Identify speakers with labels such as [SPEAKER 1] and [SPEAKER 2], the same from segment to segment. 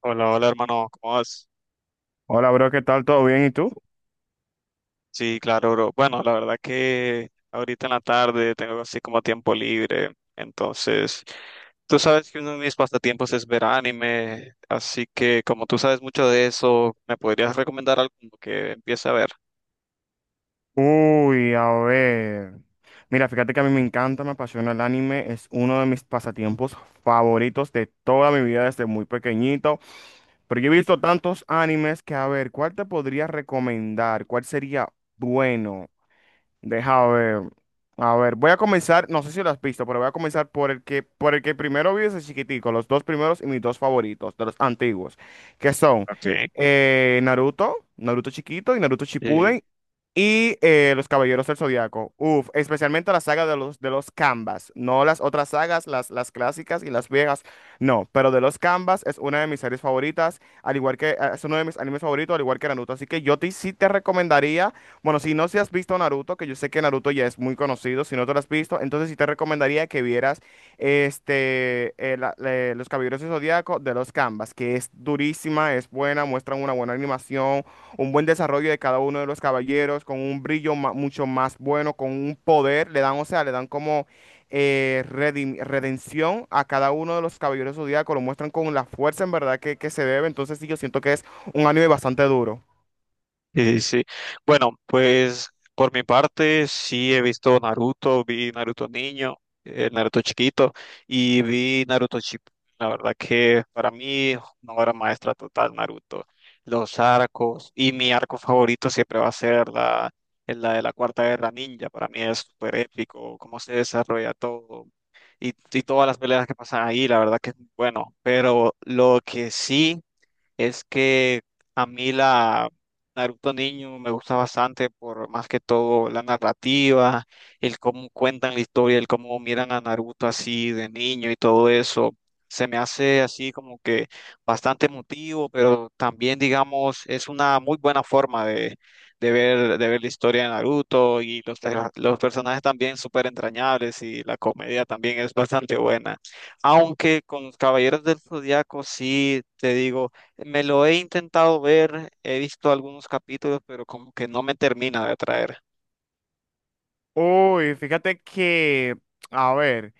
[SPEAKER 1] Hola, hola hermano, ¿cómo vas?
[SPEAKER 2] Hola, bro, ¿qué tal? ¿Todo bien? ¿Y tú?
[SPEAKER 1] Sí, claro, bro. Bueno, la verdad que ahorita en la tarde tengo así como tiempo libre, entonces tú sabes que uno de mis pasatiempos es ver anime, así que como tú sabes mucho de eso, ¿me podrías recomendar algo como que empiece a ver?
[SPEAKER 2] Uy, a ver. Mira, fíjate que a mí me encanta, me apasiona el anime, es uno de mis pasatiempos favoritos de toda mi vida desde muy pequeñito. Pero yo he visto tantos animes que, a ver, ¿cuál te podría recomendar? ¿Cuál sería bueno? Deja ver. A ver, voy a comenzar, no sé si lo has visto, pero voy a comenzar por el que primero vi desde chiquitico, los dos primeros y mis dos favoritos, de los antiguos, que son
[SPEAKER 1] Ok.
[SPEAKER 2] Naruto, Naruto chiquito y Naruto Shippuden. Y Los Caballeros del Zodiaco. Uf, especialmente la saga de los Canvas. No las otras sagas, las clásicas y las viejas. No, pero de los Canvas es una de mis series favoritas. Al igual que es uno de mis animes favoritos, al igual que Naruto. Así que yo te, sí te recomendaría. Bueno, si no si has visto Naruto, que yo sé que Naruto ya es muy conocido. Si no te lo has visto, entonces sí te recomendaría que vieras este, Los Caballeros del Zodiaco de los Canvas, que es durísima, es buena, muestran una buena animación, un buen desarrollo de cada uno de los caballeros, con un brillo mucho más bueno, con un poder, le dan, o sea, le dan como redención a cada uno de los caballeros zodíacos, lo muestran con la fuerza en verdad que se debe, entonces sí, yo siento que es un anime bastante duro.
[SPEAKER 1] Sí, sí. Bueno, pues por mi parte sí he visto Naruto, vi Naruto niño, Naruto chiquito y vi Naruto Chip. La verdad que para mí una obra maestra total Naruto. Los arcos y mi arco favorito siempre va a ser la de la Cuarta Guerra Ninja. Para mí es súper épico cómo se desarrolla todo y todas las peleas que pasan ahí, la verdad que es muy bueno. Pero lo que sí es que a mí la Naruto niño me gusta bastante por más que todo la narrativa, el cómo cuentan la historia, el cómo miran a Naruto así de niño y todo eso. Se me hace así como que bastante emotivo, pero también digamos es una muy buena forma de ver la historia de Naruto y los personajes también súper entrañables y la comedia también es bastante buena. Aunque con los Caballeros del Zodiaco sí te digo me lo he intentado ver, he visto algunos capítulos, pero como que no me termina de atraer.
[SPEAKER 2] Uy, fíjate que, a ver,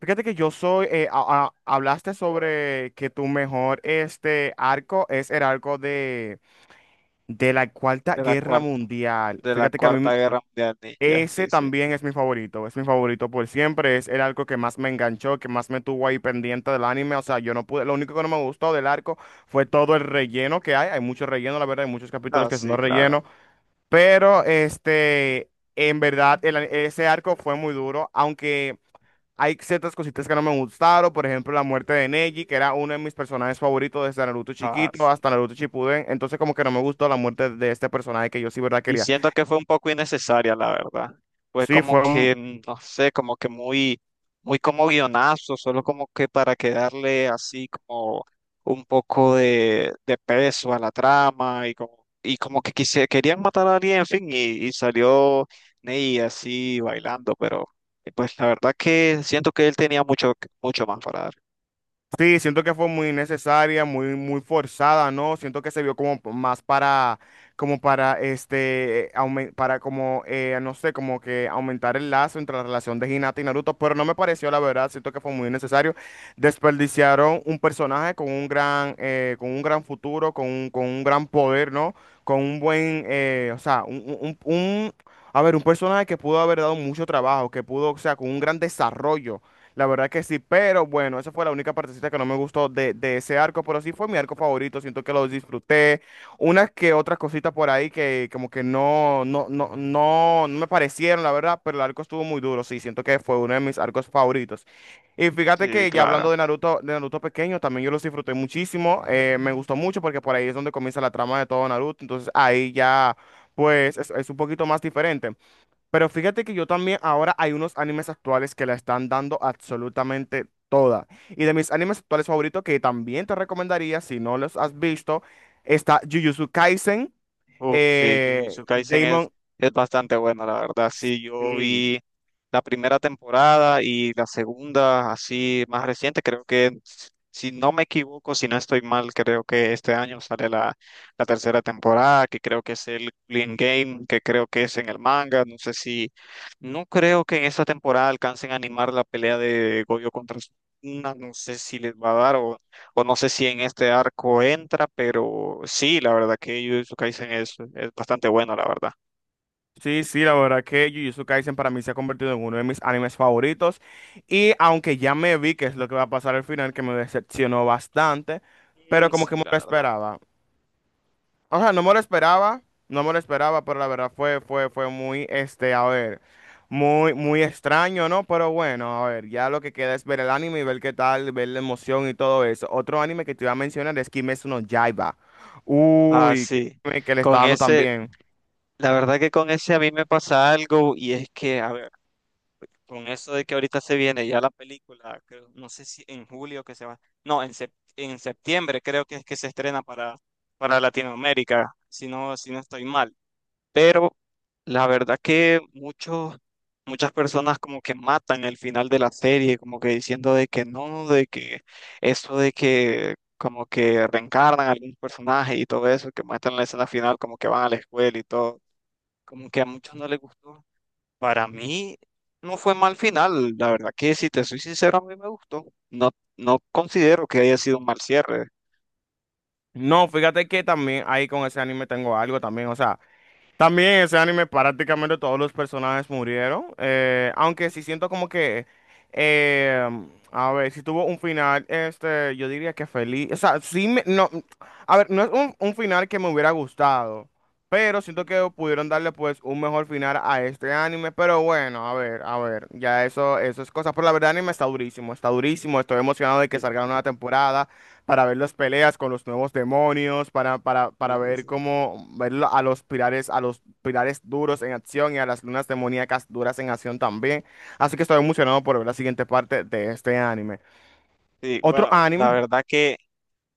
[SPEAKER 2] fíjate que yo soy, hablaste sobre que tu mejor este arco es el arco de la Cuarta
[SPEAKER 1] de la
[SPEAKER 2] Guerra
[SPEAKER 1] cuarta,
[SPEAKER 2] Mundial.
[SPEAKER 1] de la
[SPEAKER 2] Fíjate que a
[SPEAKER 1] Cuarta
[SPEAKER 2] mí,
[SPEAKER 1] Guerra Mundial. Ya,
[SPEAKER 2] ese
[SPEAKER 1] sí, sí.
[SPEAKER 2] también es mi favorito por siempre, es el arco que más me enganchó, que más me tuvo ahí pendiente del anime, o sea, yo no pude, lo único que no me gustó del arco fue todo el relleno que hay mucho relleno, la verdad, hay muchos capítulos
[SPEAKER 1] Ah,
[SPEAKER 2] que son
[SPEAKER 1] sí,
[SPEAKER 2] no
[SPEAKER 1] claro.
[SPEAKER 2] relleno, pero este, en verdad, el ese arco fue muy duro, aunque hay ciertas cositas que no me gustaron, por ejemplo, la muerte de Neji, que era uno de mis personajes favoritos desde Naruto
[SPEAKER 1] Ah,
[SPEAKER 2] chiquito hasta Naruto Shippuden, entonces como que no me gustó la muerte de este personaje que yo sí, verdad,
[SPEAKER 1] y
[SPEAKER 2] quería.
[SPEAKER 1] siento que fue un poco innecesaria, la verdad. Fue
[SPEAKER 2] Sí,
[SPEAKER 1] como
[SPEAKER 2] fue un-
[SPEAKER 1] que, no sé, como que muy, muy como guionazo, solo como que para quedarle así como un poco de peso a la trama y como que querían matar a alguien, en fin, y salió Ney así bailando, pero pues la verdad que siento que él tenía mucho, mucho más para dar.
[SPEAKER 2] Sí, siento que fue muy necesaria, muy, muy forzada, ¿no? Siento que se vio como más para, como para, este, para como, no sé, como que aumentar el lazo entre la relación de Hinata y Naruto, pero no me pareció, la verdad, siento que fue muy necesario. Desperdiciaron un personaje con un gran futuro, con un gran poder, ¿no? Con un buen, o sea, un- a ver, un personaje que pudo haber dado mucho trabajo, que pudo, o sea, con un gran desarrollo. La verdad que sí, pero bueno, esa fue la única partecita que no me gustó de ese arco, pero sí fue mi arco favorito, siento que lo disfruté. Unas que otras cositas por ahí que como que no me parecieron, la verdad, pero el arco estuvo muy duro, sí, siento que fue uno de mis arcos favoritos. Y fíjate
[SPEAKER 1] Sí,
[SPEAKER 2] que ya hablando
[SPEAKER 1] claro.
[SPEAKER 2] de Naruto pequeño, también yo los disfruté muchísimo, me gustó mucho porque por ahí es donde comienza la trama de todo Naruto, entonces ahí ya, pues es un poquito más diferente. Pero fíjate que yo también, ahora hay unos animes actuales que la están dando absolutamente toda. Y de mis animes actuales favoritos, que también te recomendaría, si no los has visto, está Jujutsu Kaisen,
[SPEAKER 1] Uf, sí,
[SPEAKER 2] eh,
[SPEAKER 1] Jujutsu Kaisen es,
[SPEAKER 2] Demon...
[SPEAKER 1] es bastante bueno, la verdad. Sí, yo
[SPEAKER 2] Sí,
[SPEAKER 1] vi la primera temporada y la segunda, así más reciente, creo que, si no me equivoco, si no estoy mal, creo que este año sale la tercera temporada, que creo que es el Clean Game, que creo que es en el manga. No sé si, no creo que en esta temporada alcancen a animar la pelea de Goyo contra Sukuna, no sé si les va a dar o no sé si en este arco entra, pero sí, la verdad que Jujutsu Kaisen es bastante bueno, la verdad.
[SPEAKER 2] sí, sí, la verdad que Jujutsu Kaisen para mí se ha convertido en uno de mis animes favoritos. Y aunque ya me vi que es lo que va a pasar al final, que me decepcionó bastante,
[SPEAKER 1] Mm,
[SPEAKER 2] pero como
[SPEAKER 1] sí,
[SPEAKER 2] que me
[SPEAKER 1] la
[SPEAKER 2] lo
[SPEAKER 1] verdad.
[SPEAKER 2] esperaba. O sea, no me lo esperaba, no me lo esperaba, pero la verdad fue muy, este, a ver, muy, muy extraño, ¿no? Pero bueno, a ver, ya lo que queda es ver el anime y ver qué tal, ver la emoción y todo eso. Otro anime que te iba a mencionar es Kimetsu no Yaiba.
[SPEAKER 1] Ah,
[SPEAKER 2] Uy,
[SPEAKER 1] sí.
[SPEAKER 2] que le está
[SPEAKER 1] Con
[SPEAKER 2] dando
[SPEAKER 1] ese,
[SPEAKER 2] también.
[SPEAKER 1] la verdad que con ese a mí me pasa algo y es que, a ver, con eso de que ahorita se viene ya la película, no sé si en julio que se va, no, en, en septiembre creo que es que se estrena para Latinoamérica, si no, estoy mal. Pero la verdad que muchas personas como que matan el final de la serie, como que diciendo de que no, de que eso de que como que reencarnan a algún personaje y todo eso, que muestran la escena final como que van a la escuela y todo, como que a muchos no les gustó. Para mí no fue mal final, la verdad que si te soy sincero, a mí me gustó. No, no considero que haya sido un mal cierre.
[SPEAKER 2] No, fíjate que también ahí con ese anime tengo algo también, o sea. También en ese anime prácticamente todos los personajes murieron,
[SPEAKER 1] Sí,
[SPEAKER 2] aunque sí
[SPEAKER 1] sí,
[SPEAKER 2] siento como que, eh, a ver, si tuvo un final, este, yo diría que feliz, o sea, sí, me- no, a ver, no es un final que me hubiera gustado, pero siento que pudieron darle pues un mejor final a este anime, pero bueno, a ver, ya eso es cosa, pero la verdad el anime está durísimo, estoy emocionado de que
[SPEAKER 1] sí.
[SPEAKER 2] salga una nueva temporada para ver las peleas con los nuevos demonios, para
[SPEAKER 1] Sí, sí,
[SPEAKER 2] ver
[SPEAKER 1] sí.
[SPEAKER 2] cómo ver a los pilares duros en acción y a las lunas demoníacas duras en acción también. Así que estoy emocionado por ver la siguiente parte de este anime.
[SPEAKER 1] Sí,
[SPEAKER 2] Otro
[SPEAKER 1] bueno, la
[SPEAKER 2] anime,
[SPEAKER 1] verdad que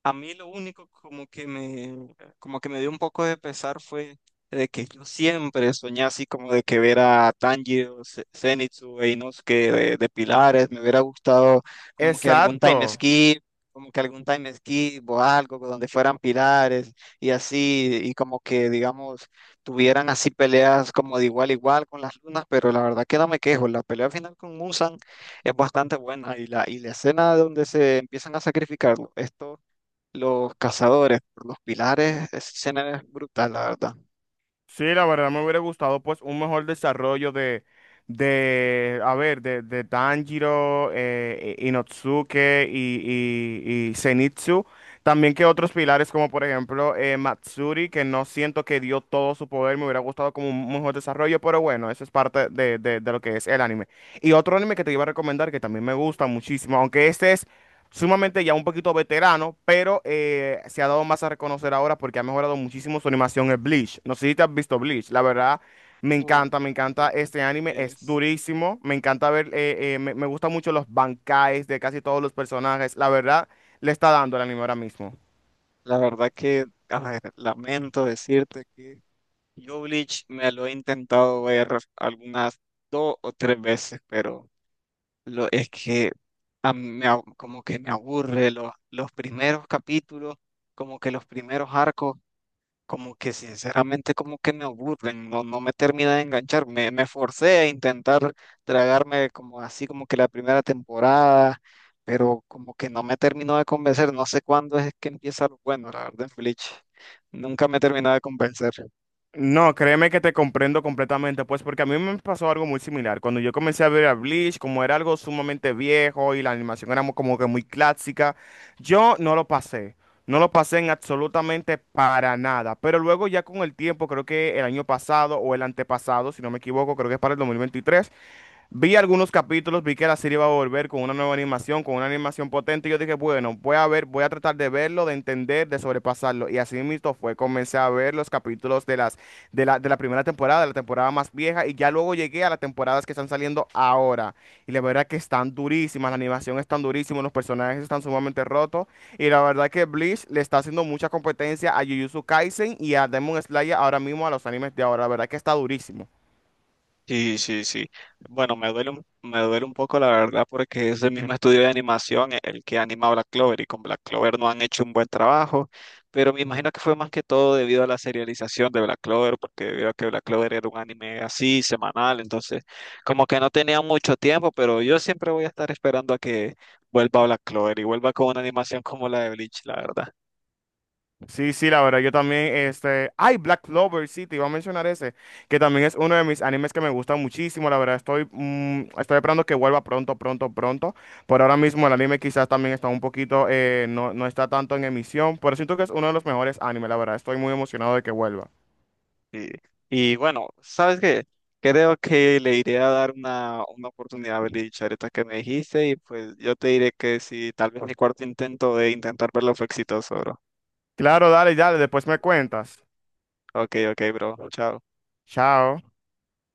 [SPEAKER 1] a mí lo único como que me dio un poco de pesar fue de que yo siempre soñé así como de que ver a Tanjiro, Zenitsu e Inosuke de pilares, me hubiera gustado como que algún time
[SPEAKER 2] exacto.
[SPEAKER 1] skip, como que algún time skip o algo donde fueran pilares y así, y como que digamos tuvieran así peleas como de igual a igual con las lunas, pero la verdad que no me quejo, la pelea final con Muzan es bastante buena y la escena donde se empiezan a sacrificar, esto, los cazadores por los pilares, esa escena es brutal, la verdad.
[SPEAKER 2] Sí, la verdad me hubiera gustado pues un mejor desarrollo de a ver, de Tanjiro, Inosuke y Zenitsu. También que otros pilares como por ejemplo Matsuri, que no siento que dio todo su poder, me hubiera gustado como un mejor desarrollo, pero bueno, eso es parte de lo que es el anime. Y otro anime que te iba a recomendar que también me gusta muchísimo, aunque este es sumamente ya un poquito veterano, pero se ha dado más a reconocer ahora porque ha mejorado muchísimo su animación en Bleach. No sé si te has visto Bleach, la verdad
[SPEAKER 1] Uh,
[SPEAKER 2] me encanta
[SPEAKER 1] y
[SPEAKER 2] este anime, es
[SPEAKER 1] es,
[SPEAKER 2] durísimo, me encanta ver, me gustan mucho los bancais de casi todos los personajes, la verdad le está dando el anime ahora mismo.
[SPEAKER 1] la verdad que, a ver, lamento decirte que yo Bleach me lo he intentado ver algunas dos o tres veces, pero es que a mí como que me aburre los primeros capítulos, como que los primeros arcos. Como que sinceramente como que me aburren, no, no me termina de enganchar, me forcé a intentar tragarme como así como que la primera temporada, pero como que no me terminó de convencer, no sé cuándo es que empieza lo bueno, la verdad, Bleach, nunca me terminó de convencer.
[SPEAKER 2] No, créeme que te comprendo completamente, pues porque a mí me pasó algo muy similar. Cuando yo comencé a ver a Bleach, como era algo sumamente viejo y la animación era como que muy clásica, yo no lo pasé. No lo pasé en absolutamente para nada. Pero luego ya con el tiempo, creo que el año pasado o el antepasado, si no me equivoco, creo que es para el 2023. Vi algunos capítulos, vi que la serie iba a volver con una nueva animación, con una animación potente, y yo dije, bueno, voy a ver, voy a tratar de verlo, de entender, de sobrepasarlo. Y así mismo fue, comencé a ver los capítulos de de la primera temporada, de la temporada más vieja, y ya luego llegué a las temporadas que están saliendo ahora. Y la verdad que están durísimas, la animación es tan durísima, los personajes están sumamente rotos, y la verdad que Bleach le está haciendo mucha competencia a Jujutsu Kaisen y a Demon Slayer ahora mismo a los animes de ahora, la verdad que está durísimo.
[SPEAKER 1] Sí, sí, sí. Bueno, me duele un poco la verdad porque es el mismo estudio de animación el que anima a Black Clover y con Black Clover no han hecho un buen trabajo, pero me imagino que fue más que todo debido a la serialización de Black Clover, porque debido a que Black Clover era un anime así, semanal, entonces como que no tenía mucho tiempo, pero yo siempre voy a estar esperando a que vuelva Black Clover y vuelva con una animación como la de Bleach, la verdad.
[SPEAKER 2] Sí, sí, la verdad, yo también, este, ay, Black Clover, sí, te iba a mencionar ese, que también es uno de mis animes que me gusta muchísimo, la verdad, estoy, estoy esperando que vuelva pronto, pronto, pronto, por ahora mismo el anime quizás también está un poquito, no, no está tanto en emisión, pero siento que es uno de los mejores animes, la verdad, estoy muy emocionado de que vuelva.
[SPEAKER 1] Sí. Y bueno, ¿sabes qué? Creo que le iré a dar una oportunidad a Belichardeta que me dijiste y pues yo te diré que si tal vez mi cuarto intento de intentar verlo fue exitoso, bro.
[SPEAKER 2] Claro, dale, dale, después me cuentas.
[SPEAKER 1] Ok, ok, bro. Chao.
[SPEAKER 2] Chao.